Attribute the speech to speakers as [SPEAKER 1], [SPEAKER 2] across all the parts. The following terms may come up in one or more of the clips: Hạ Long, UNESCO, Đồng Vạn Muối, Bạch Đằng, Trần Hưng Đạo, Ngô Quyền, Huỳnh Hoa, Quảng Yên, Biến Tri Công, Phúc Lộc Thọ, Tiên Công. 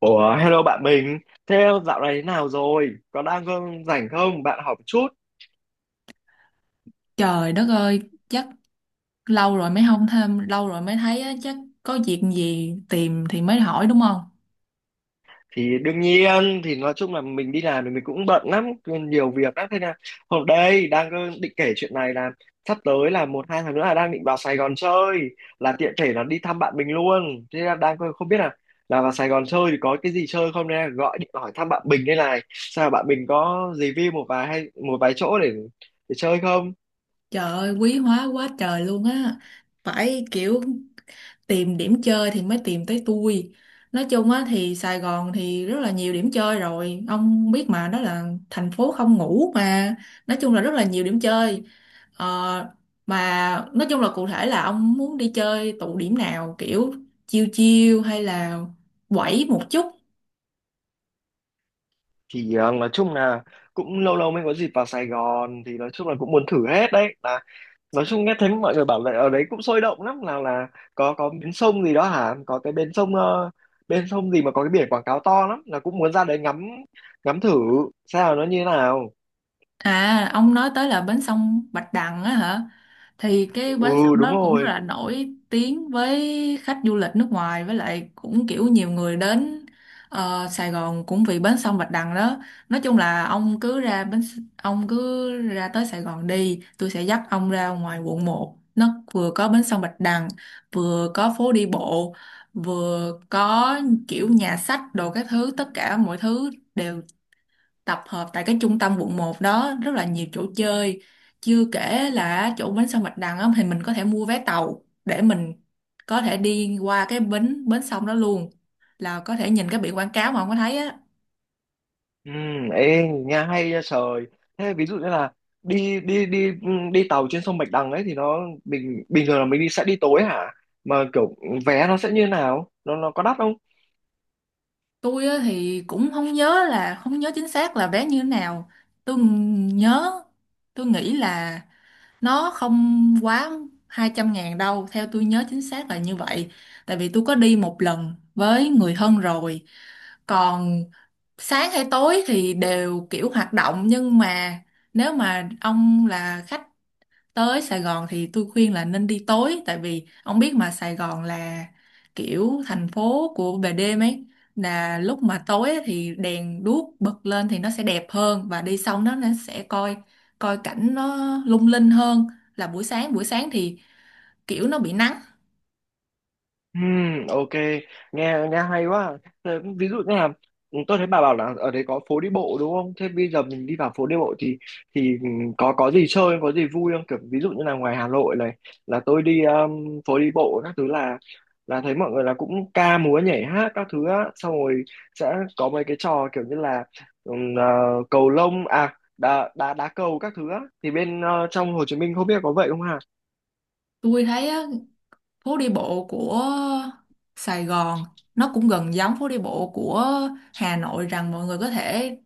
[SPEAKER 1] Ủa, hello bạn mình. Thế dạo này thế nào rồi? Có đang có rảnh không? Bạn học chút.
[SPEAKER 2] Trời đất ơi, chắc lâu rồi mới không thêm, lâu rồi mới thấy á, chắc có việc gì tìm thì mới hỏi đúng không?
[SPEAKER 1] Thì đương nhiên, thì nói chung là mình đi làm thì mình cũng bận lắm, nhiều việc lắm. Thế là hôm đây đang có định kể chuyện này là sắp tới là 1-2 tháng nữa là đang định vào Sài Gòn chơi, là tiện thể là đi thăm bạn mình luôn. Thế là đang không biết là vào Sài Gòn chơi thì có cái gì chơi không, nên là gọi điện hỏi thăm bạn mình đây này. Sao bạn mình có review một vài hay một vài chỗ để chơi không?
[SPEAKER 2] Trời ơi, quý hóa quá trời luôn á. Phải kiểu tìm điểm chơi thì mới tìm tới tôi. Nói chung á thì Sài Gòn thì rất là nhiều điểm chơi rồi. Ông biết mà, đó là thành phố không ngủ mà. Nói chung là rất là nhiều điểm chơi. Ờ, mà nói chung là cụ thể là ông muốn đi chơi tụ điểm nào, kiểu chiêu chiêu hay là quẩy một chút.
[SPEAKER 1] Thì nói chung là cũng lâu lâu mới có dịp vào Sài Gòn, thì nói chung là cũng muốn thử hết đấy. Nói chung nghe thấy mọi người bảo là ở đấy cũng sôi động lắm, là có bến sông gì đó hả? Có cái bến sông bên sông gì mà có cái biển quảng cáo to lắm, là cũng muốn ra đấy ngắm ngắm thử xem là nó như thế nào.
[SPEAKER 2] À, ông nói tới là bến sông Bạch Đằng á hả? Thì cái bến
[SPEAKER 1] Ừ,
[SPEAKER 2] sông
[SPEAKER 1] đúng
[SPEAKER 2] đó cũng rất
[SPEAKER 1] rồi.
[SPEAKER 2] là nổi tiếng với khách du lịch nước ngoài, với lại cũng kiểu nhiều người đến Sài Gòn cũng vì bến sông Bạch Đằng đó. Nói chung là ông cứ ra ông cứ ra tới Sài Gòn đi, tôi sẽ dắt ông ra ngoài quận 1. Nó vừa có bến sông Bạch Đằng, vừa có phố đi bộ, vừa có kiểu nhà sách đồ các thứ, tất cả mọi thứ đều tập hợp tại cái trung tâm quận 1 đó, rất là nhiều chỗ chơi. Chưa kể là chỗ bến sông Bạch Đằng á, thì mình có thể mua vé tàu để mình có thể đi qua cái bến bến sông đó luôn, là có thể nhìn cái biển quảng cáo mà không có thấy á.
[SPEAKER 1] Ừ, ê, nghe hay ra trời. Thế ví dụ như là đi đi đi ừ, đi tàu trên sông Bạch Đằng ấy thì nó bình bình thường là mình đi sẽ đi tối hả? Mà kiểu vé nó sẽ như thế nào, nó có đắt không?
[SPEAKER 2] Tôi á, thì cũng không nhớ chính xác là vé như thế nào. tôi nhớ tôi nghĩ là nó không quá 200.000 đâu, theo tôi nhớ chính xác là như vậy. Tại vì tôi có đi một lần với người thân rồi. Còn sáng hay tối thì đều kiểu hoạt động, nhưng mà nếu mà ông là khách tới Sài Gòn thì tôi khuyên là nên đi tối, tại vì ông biết mà, Sài Gòn là kiểu thành phố của về đêm ấy, là lúc mà tối ấy thì đèn đuốc bật lên thì nó sẽ đẹp hơn, và đi xong đó nó sẽ coi coi cảnh nó lung linh hơn là buổi sáng. Buổi sáng thì kiểu nó bị nắng.
[SPEAKER 1] Ok, nghe nghe hay quá. Thế ví dụ như là tôi thấy bà bảo là ở đấy có phố đi bộ đúng không? Thế bây giờ mình đi vào phố đi bộ thì thì có gì chơi, có gì vui không? Kiểu ví dụ như là ngoài Hà Nội này tôi đi phố đi bộ các thứ là thấy mọi người là cũng ca múa nhảy hát các thứ á, xong rồi sẽ có mấy cái trò kiểu như là ừm, ờ, cầu lông à, đá đá đá cầu các thứ á, thì bên trong Hồ Chí Minh không biết có vậy không hả?
[SPEAKER 2] Tôi thấy phố đi bộ của Sài Gòn nó cũng gần giống phố đi bộ của Hà Nội, rằng mọi người có thể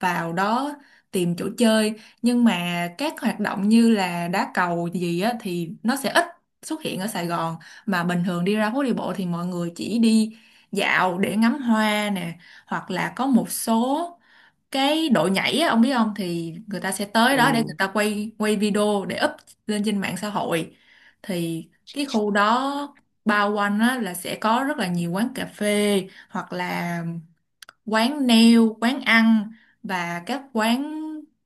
[SPEAKER 2] vào đó tìm chỗ chơi, nhưng mà các hoạt động như là đá cầu gì á thì nó sẽ ít xuất hiện ở Sài Gòn. Mà bình thường đi ra phố đi bộ thì mọi người chỉ đi dạo để ngắm hoa nè, hoặc là có một số cái độ nhảy á, ông biết không, thì người ta sẽ tới
[SPEAKER 1] Ừ.
[SPEAKER 2] đó để người ta quay quay video để up lên trên mạng xã hội. Thì cái khu đó bao quanh á, là sẽ có rất là nhiều quán cà phê, hoặc là quán nail, quán ăn và các quán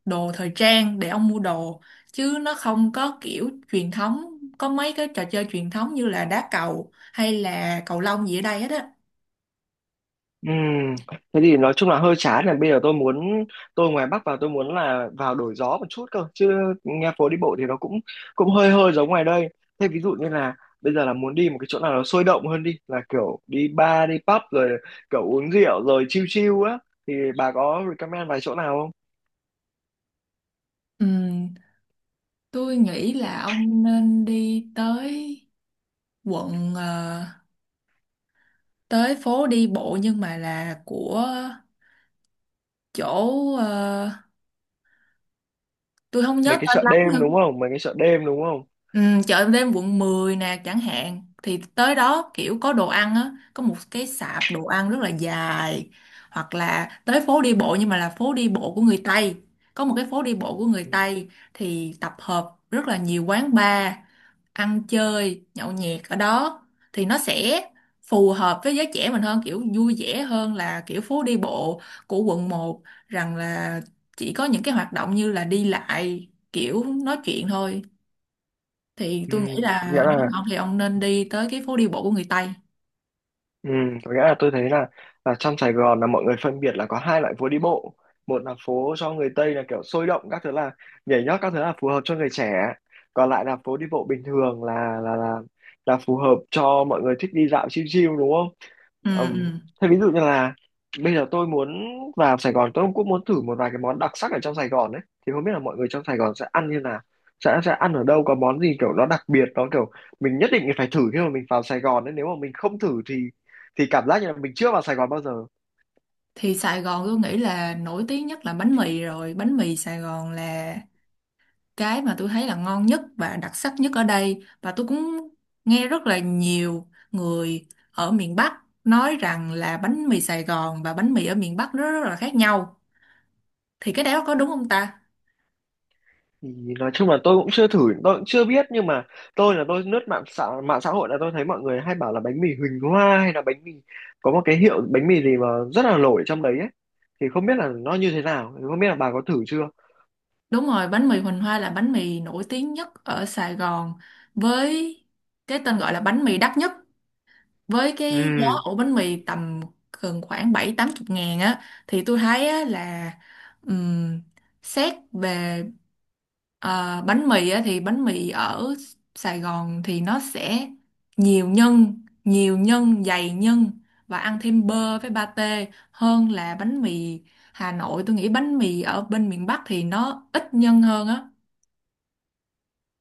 [SPEAKER 2] đồ thời trang để ông mua đồ, chứ nó không có kiểu truyền thống, có mấy cái trò chơi truyền thống như là đá cầu hay là cầu lông gì ở đây hết á.
[SPEAKER 1] Ừm, thế thì nói chung là hơi chán, là bây giờ tôi muốn ngoài Bắc vào tôi muốn là vào đổi gió một chút cơ chứ, nghe phố đi bộ thì nó cũng cũng hơi hơi giống ngoài đây. Thế ví dụ như là bây giờ là muốn đi một cái chỗ nào nó sôi động hơn đi, là kiểu đi bar đi pub rồi kiểu uống rượu rồi chill chill á, thì bà có recommend vài chỗ nào không?
[SPEAKER 2] Ừm, tôi nghĩ là ông nên đi tới quận tới phố đi bộ nhưng mà là của chỗ ờ, tôi không nhớ
[SPEAKER 1] Mấy cái
[SPEAKER 2] tên
[SPEAKER 1] chợ
[SPEAKER 2] lắm,
[SPEAKER 1] đêm đúng
[SPEAKER 2] nhưng
[SPEAKER 1] không, mấy cái chợ đêm đúng không?
[SPEAKER 2] ừ, chợ đêm quận 10 nè chẳng hạn, thì tới đó kiểu có đồ ăn á, có một cái sạp đồ ăn rất là dài. Hoặc là tới phố đi bộ nhưng mà là phố đi bộ của người Tây. Có một cái phố đi bộ của người
[SPEAKER 1] Ừ,
[SPEAKER 2] Tây thì tập hợp rất là nhiều quán bar, ăn chơi nhậu nhẹt ở đó, thì nó sẽ phù hợp với giới trẻ mình hơn, kiểu vui vẻ hơn là kiểu phố đi bộ của quận 1, rằng là chỉ có những cái hoạt động như là đi lại kiểu nói chuyện thôi. Thì
[SPEAKER 1] ừ.
[SPEAKER 2] tôi nghĩ là
[SPEAKER 1] Có nghĩa
[SPEAKER 2] nếu
[SPEAKER 1] là
[SPEAKER 2] mà ông thì ông nên đi tới cái phố đi bộ của người Tây.
[SPEAKER 1] Ừ, có nghĩa là tôi thấy là trong Sài Gòn là mọi người phân biệt là có hai loại phố đi bộ. Một là phố cho người Tây là kiểu sôi động các thứ, là nhảy nhót các thứ, là phù hợp cho người trẻ. Còn lại là phố đi bộ bình thường là là phù hợp cho mọi người thích đi dạo chill chill đúng không?
[SPEAKER 2] Ừ,
[SPEAKER 1] Ừm,
[SPEAKER 2] ừ.
[SPEAKER 1] thế ví dụ như là bây giờ tôi muốn vào Sài Gòn, tôi cũng muốn thử một vài cái món đặc sắc ở trong Sài Gòn đấy, thì không biết là mọi người trong Sài Gòn sẽ ăn như nào, sẽ ăn ở đâu, có món gì kiểu nó đặc biệt nó kiểu mình nhất định phải thử khi mà mình vào Sài Gòn đấy, nếu mà mình không thử thì cảm giác như là mình chưa vào Sài Gòn bao giờ.
[SPEAKER 2] Thì Sài Gòn tôi nghĩ là nổi tiếng nhất là bánh mì rồi, bánh mì Sài Gòn là cái mà tôi thấy là ngon nhất và đặc sắc nhất ở đây, và tôi cũng nghe rất là nhiều người ở miền Bắc nói rằng là bánh mì Sài Gòn và bánh mì ở miền Bắc nó rất là khác nhau. Thì cái đó có đúng không ta?
[SPEAKER 1] Thì nói chung là tôi cũng chưa thử, tôi cũng chưa biết. Nhưng mà tôi là tôi lướt mạng xã hội là tôi thấy mọi người hay bảo là bánh mì Huỳnh Hoa, hay là bánh mì có một cái hiệu bánh mì gì mà rất là nổi trong đấy ấy, thì không biết là nó như thế nào, thì không biết là bà có thử chưa.
[SPEAKER 2] Đúng rồi, bánh mì Huỳnh Hoa là bánh mì nổi tiếng nhất ở Sài Gòn, với cái tên gọi là bánh mì đắt nhất, với
[SPEAKER 1] Ừ,
[SPEAKER 2] cái giá ổ bánh mì tầm gần khoảng bảy tám chục ngàn á. Thì tôi thấy á, là ừm, xét về bánh mì á, thì bánh mì ở Sài Gòn thì nó sẽ nhiều nhân dày nhân và ăn thêm bơ với pate hơn là bánh mì Hà Nội. Tôi nghĩ bánh mì ở bên miền Bắc thì nó ít nhân hơn á.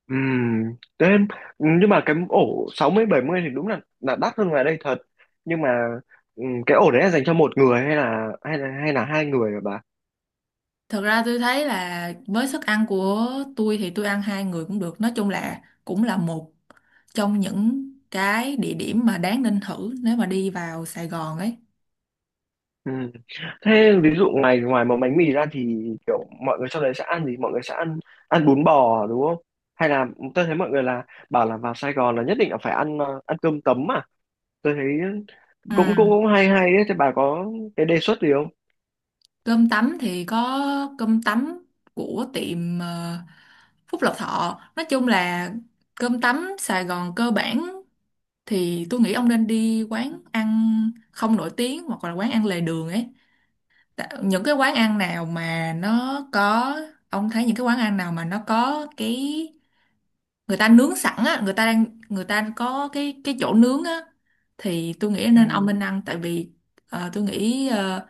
[SPEAKER 1] ừ, đến nhưng mà cái ổ 60-70 thì đúng là đắt hơn ngoài đây thật. Nhưng mà cái ổ đấy là dành cho một người hay là hai người hả bà?
[SPEAKER 2] Thật ra tôi thấy là với sức ăn của tôi thì tôi ăn hai người cũng được. Nói chung là cũng là một trong những cái địa điểm mà đáng nên thử nếu mà đi vào Sài Gòn ấy.
[SPEAKER 1] Ừ. Thế ví dụ ngoài ngoài một bánh mì ra thì kiểu mọi người trong đấy sẽ ăn gì? Mọi người sẽ ăn ăn bún bò đúng không? Hay là tôi thấy mọi người là bảo là vào Sài Gòn là nhất định là phải ăn ăn cơm tấm à? Tôi thấy cũng cũng
[SPEAKER 2] Ừ.
[SPEAKER 1] cũng hay hay ấy. Thế bà có cái đề xuất gì không?
[SPEAKER 2] Cơm tấm thì có cơm tấm của tiệm Phúc Lộc Thọ. Nói chung là cơm tấm Sài Gòn cơ bản thì tôi nghĩ ông nên đi quán ăn không nổi tiếng hoặc là quán ăn lề đường ấy. Tạ- những cái quán ăn nào mà nó có ông thấy những cái quán ăn nào mà nó có cái, người ta nướng sẵn á, người ta có cái chỗ nướng á, thì tôi nghĩ nên ông
[SPEAKER 1] Ừ,
[SPEAKER 2] nên ăn. Tại vì tôi nghĩ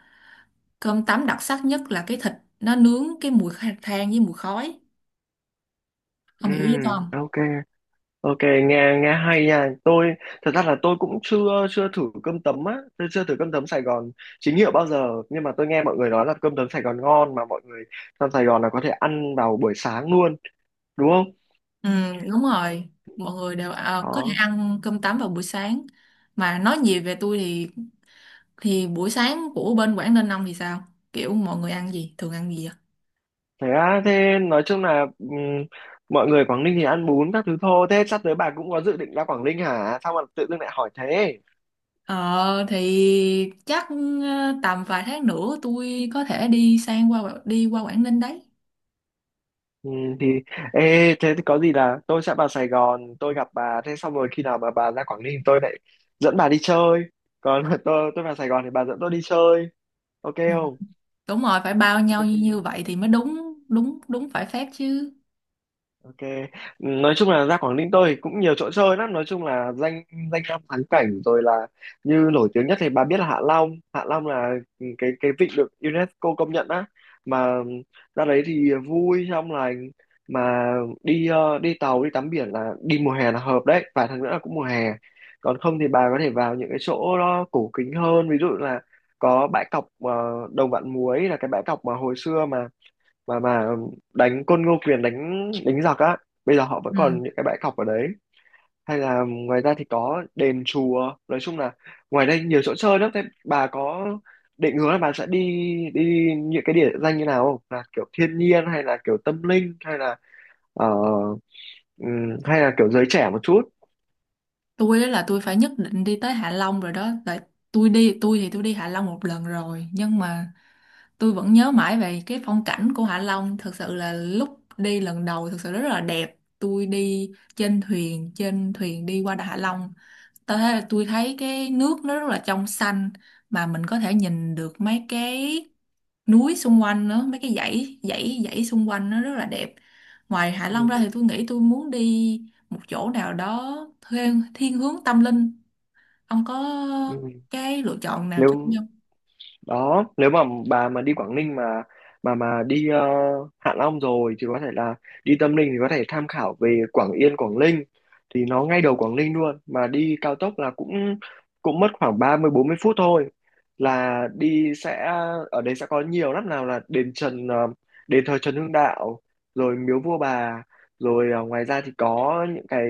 [SPEAKER 2] cơm tấm đặc sắc nhất là cái thịt nó nướng, cái mùi than với mùi khói,
[SPEAKER 1] ừ,
[SPEAKER 2] ông hiểu ý tôi không?
[SPEAKER 1] ok. Ok, nghe nghe hay nha. Tôi thật ra là tôi cũng chưa chưa thử cơm tấm á, tôi chưa thử cơm tấm Sài Gòn chính hiệu bao giờ, nhưng mà tôi nghe mọi người nói là cơm tấm Sài Gòn ngon, mà mọi người trong Sài Gòn là có thể ăn vào buổi sáng luôn, đúng không?
[SPEAKER 2] Ừ đúng rồi, mọi người đều có thể
[SPEAKER 1] Đó.
[SPEAKER 2] ăn cơm tấm vào buổi sáng, mà nói gì về tôi thì buổi sáng của bên Quảng Ninh ông thì sao, kiểu mọi người ăn gì, thường ăn gì vậy?
[SPEAKER 1] Thế á, thế nói chung là mọi người Quảng Ninh thì ăn bún các thứ thôi. Thế sắp tới bà cũng có dự định ra Quảng Ninh hả? Sao mà tự dưng lại hỏi thế?
[SPEAKER 2] Ờ thì chắc, tầm vài tháng nữa tôi có thể đi qua Quảng Ninh đấy.
[SPEAKER 1] Ừ, thì ê, thế thì có gì là tôi sẽ vào Sài Gòn tôi gặp bà, thế xong rồi khi nào mà bà ra Quảng Ninh tôi lại dẫn bà đi chơi, còn tôi vào Sài Gòn thì bà dẫn tôi đi chơi, ok
[SPEAKER 2] Ừ.
[SPEAKER 1] không?
[SPEAKER 2] Đúng rồi, phải bao nhau như như
[SPEAKER 1] Ok.
[SPEAKER 2] vậy thì mới đúng đúng đúng phải phép chứ.
[SPEAKER 1] Ok, nói chung là ra Quảng Ninh tôi thì cũng nhiều chỗ chơi lắm, nói chung là danh danh lam thắng cảnh rồi, là như nổi tiếng nhất thì bà biết là Hạ Long, Hạ Long là cái vịnh được UNESCO công nhận á, mà ra đấy thì vui trong lành, mà đi đi tàu đi tắm biển là đi mùa hè là hợp đấy, vài tháng nữa là cũng mùa hè. Còn không thì bà có thể vào những cái chỗ nó cổ kính hơn, ví dụ là có bãi cọc Đồng Vạn Muối, là cái bãi cọc mà hồi xưa mà đánh côn Ngô Quyền đánh đánh giặc á, bây giờ họ vẫn
[SPEAKER 2] Ừ.
[SPEAKER 1] còn những cái bãi cọc ở đấy. Hay là ngoài ra thì có đền chùa, nói chung là ngoài đây nhiều chỗ chơi lắm. Thế bà có định hướng là bà sẽ đi đi những cái địa danh như nào không, là kiểu thiên nhiên hay là kiểu tâm linh hay là ờ, hay là kiểu giới trẻ một chút?
[SPEAKER 2] Tôi á là tôi phải nhất định đi tới Hạ Long rồi đó. Tại tôi đi Hạ Long một lần rồi, nhưng mà tôi vẫn nhớ mãi về cái phong cảnh của Hạ Long. Thực sự là lúc đi lần đầu thực sự rất là đẹp, tôi đi trên thuyền đi qua Đà Hạ Long. Tôi thấy cái nước nó rất là trong xanh, mà mình có thể nhìn được mấy cái núi xung quanh nữa, mấy cái dãy dãy dãy xung quanh nó rất là đẹp. Ngoài Hạ Long
[SPEAKER 1] Ừm,
[SPEAKER 2] ra thì tôi nghĩ tôi muốn đi một chỗ nào đó thiên hướng tâm linh, ông có
[SPEAKER 1] ừm.
[SPEAKER 2] cái lựa chọn nào cho tôi
[SPEAKER 1] Nếu
[SPEAKER 2] không?
[SPEAKER 1] đó, nếu mà bà mà đi Quảng Ninh mà đi Hạ Long rồi thì có thể là đi Tâm Linh, thì có thể tham khảo về Quảng Yên Quảng Ninh, thì nó ngay đầu Quảng Ninh luôn, mà đi cao tốc là cũng cũng mất khoảng 30-40 phút thôi, là đi sẽ ở đây sẽ có nhiều lắm, nào là đền Trần, đền thờ Trần Hưng Đạo, rồi miếu vua bà, rồi ngoài ra thì có những cái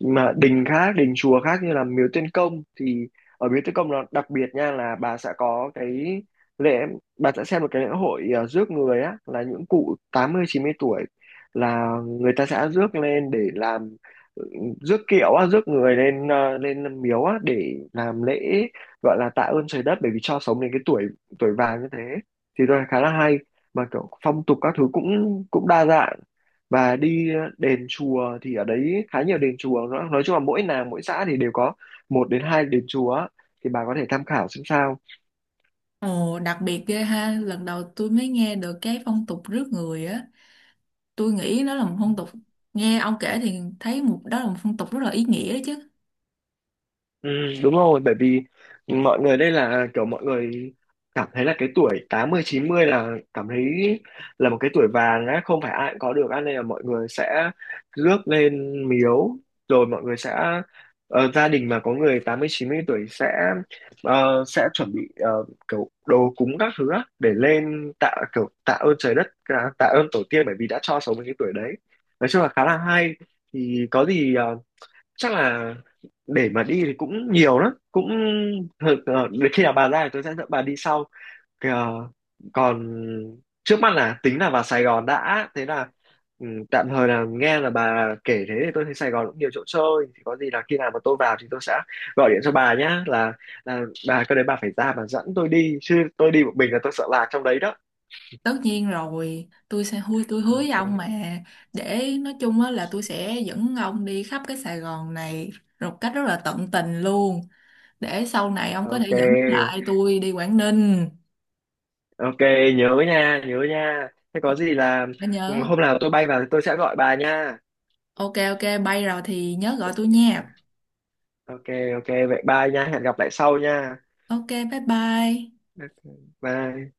[SPEAKER 1] đình khác, đình chùa khác như là miếu Tiên Công, thì ở Biến Tri Công nó đặc biệt nha, là bà sẽ có cái lễ, bà sẽ xem một cái lễ hội rước người á, là những cụ 80-90 tuổi là người ta sẽ rước lên để làm, ừ, rước kiệu á, rước người lên lên miếu á để làm lễ, gọi là tạ ơn trời đất bởi vì cho sống đến cái tuổi tuổi vàng như thế, thì tôi thấy khá là hay, mà kiểu phong tục các thứ cũng cũng đa dạng. Và đi đền chùa thì ở đấy khá nhiều đền chùa, nói chung là mỗi làng mỗi xã thì đều có một đến hai đền chùa, thì bà có thể tham khảo xem sao.
[SPEAKER 2] Ồ, đặc biệt ghê ha, lần đầu tôi mới nghe được cái phong tục rước người á. Tôi nghĩ nó là một phong tục, nghe ông kể thì thấy một đó là một phong tục rất là ý nghĩa đấy chứ.
[SPEAKER 1] Ừ, đúng rồi, bởi vì mọi người đây là kiểu mọi người cảm thấy là cái tuổi 80-90 là cảm thấy là một cái tuổi vàng á, không phải ai cũng có được á, nên là mọi người sẽ rước lên miếu. Rồi mọi người sẽ gia đình mà có người 80-90 tuổi sẽ sẽ chuẩn bị kiểu đồ cúng các thứ á, để lên tạ kiểu tạ ơn trời đất, tạ tạ ơn tổ tiên bởi vì đã cho sống đến cái tuổi đấy, nói chung là khá là hay. Thì có gì chắc là để mà đi thì cũng nhiều lắm, cũng để khi nào bà ra thì tôi sẽ dẫn bà đi sau. Kìa, còn trước mắt là tính là vào Sài Gòn đã. Thế là tạm thời là nghe là bà kể thế thì tôi thấy Sài Gòn cũng nhiều chỗ chơi, thì có gì là khi nào mà tôi vào thì tôi sẽ gọi điện cho bà nhá, là bà cái đấy bà phải ra bà dẫn tôi đi chứ, tôi đi một mình là tôi sợ lạc trong đấy đó.
[SPEAKER 2] Tất nhiên rồi, tôi hứa với ông
[SPEAKER 1] Ok,
[SPEAKER 2] mà, để nói chung á là tôi sẽ dẫn ông đi khắp cái Sài Gòn này một cách rất là tận tình luôn, để sau này ông có
[SPEAKER 1] ok,
[SPEAKER 2] thể dẫn lại tôi đi Quảng Ninh.
[SPEAKER 1] ok. Nhớ nha, nhớ nha. Thế có gì là
[SPEAKER 2] Đã nhớ.
[SPEAKER 1] hôm nào tôi bay vào thì tôi sẽ gọi bà nha.
[SPEAKER 2] Ok ok, bay rồi thì nhớ gọi tôi
[SPEAKER 1] Ok,
[SPEAKER 2] nha.
[SPEAKER 1] ok, vậy bye nha, hẹn gặp lại sau nha.
[SPEAKER 2] Ok, bye bye.
[SPEAKER 1] Ok, bye.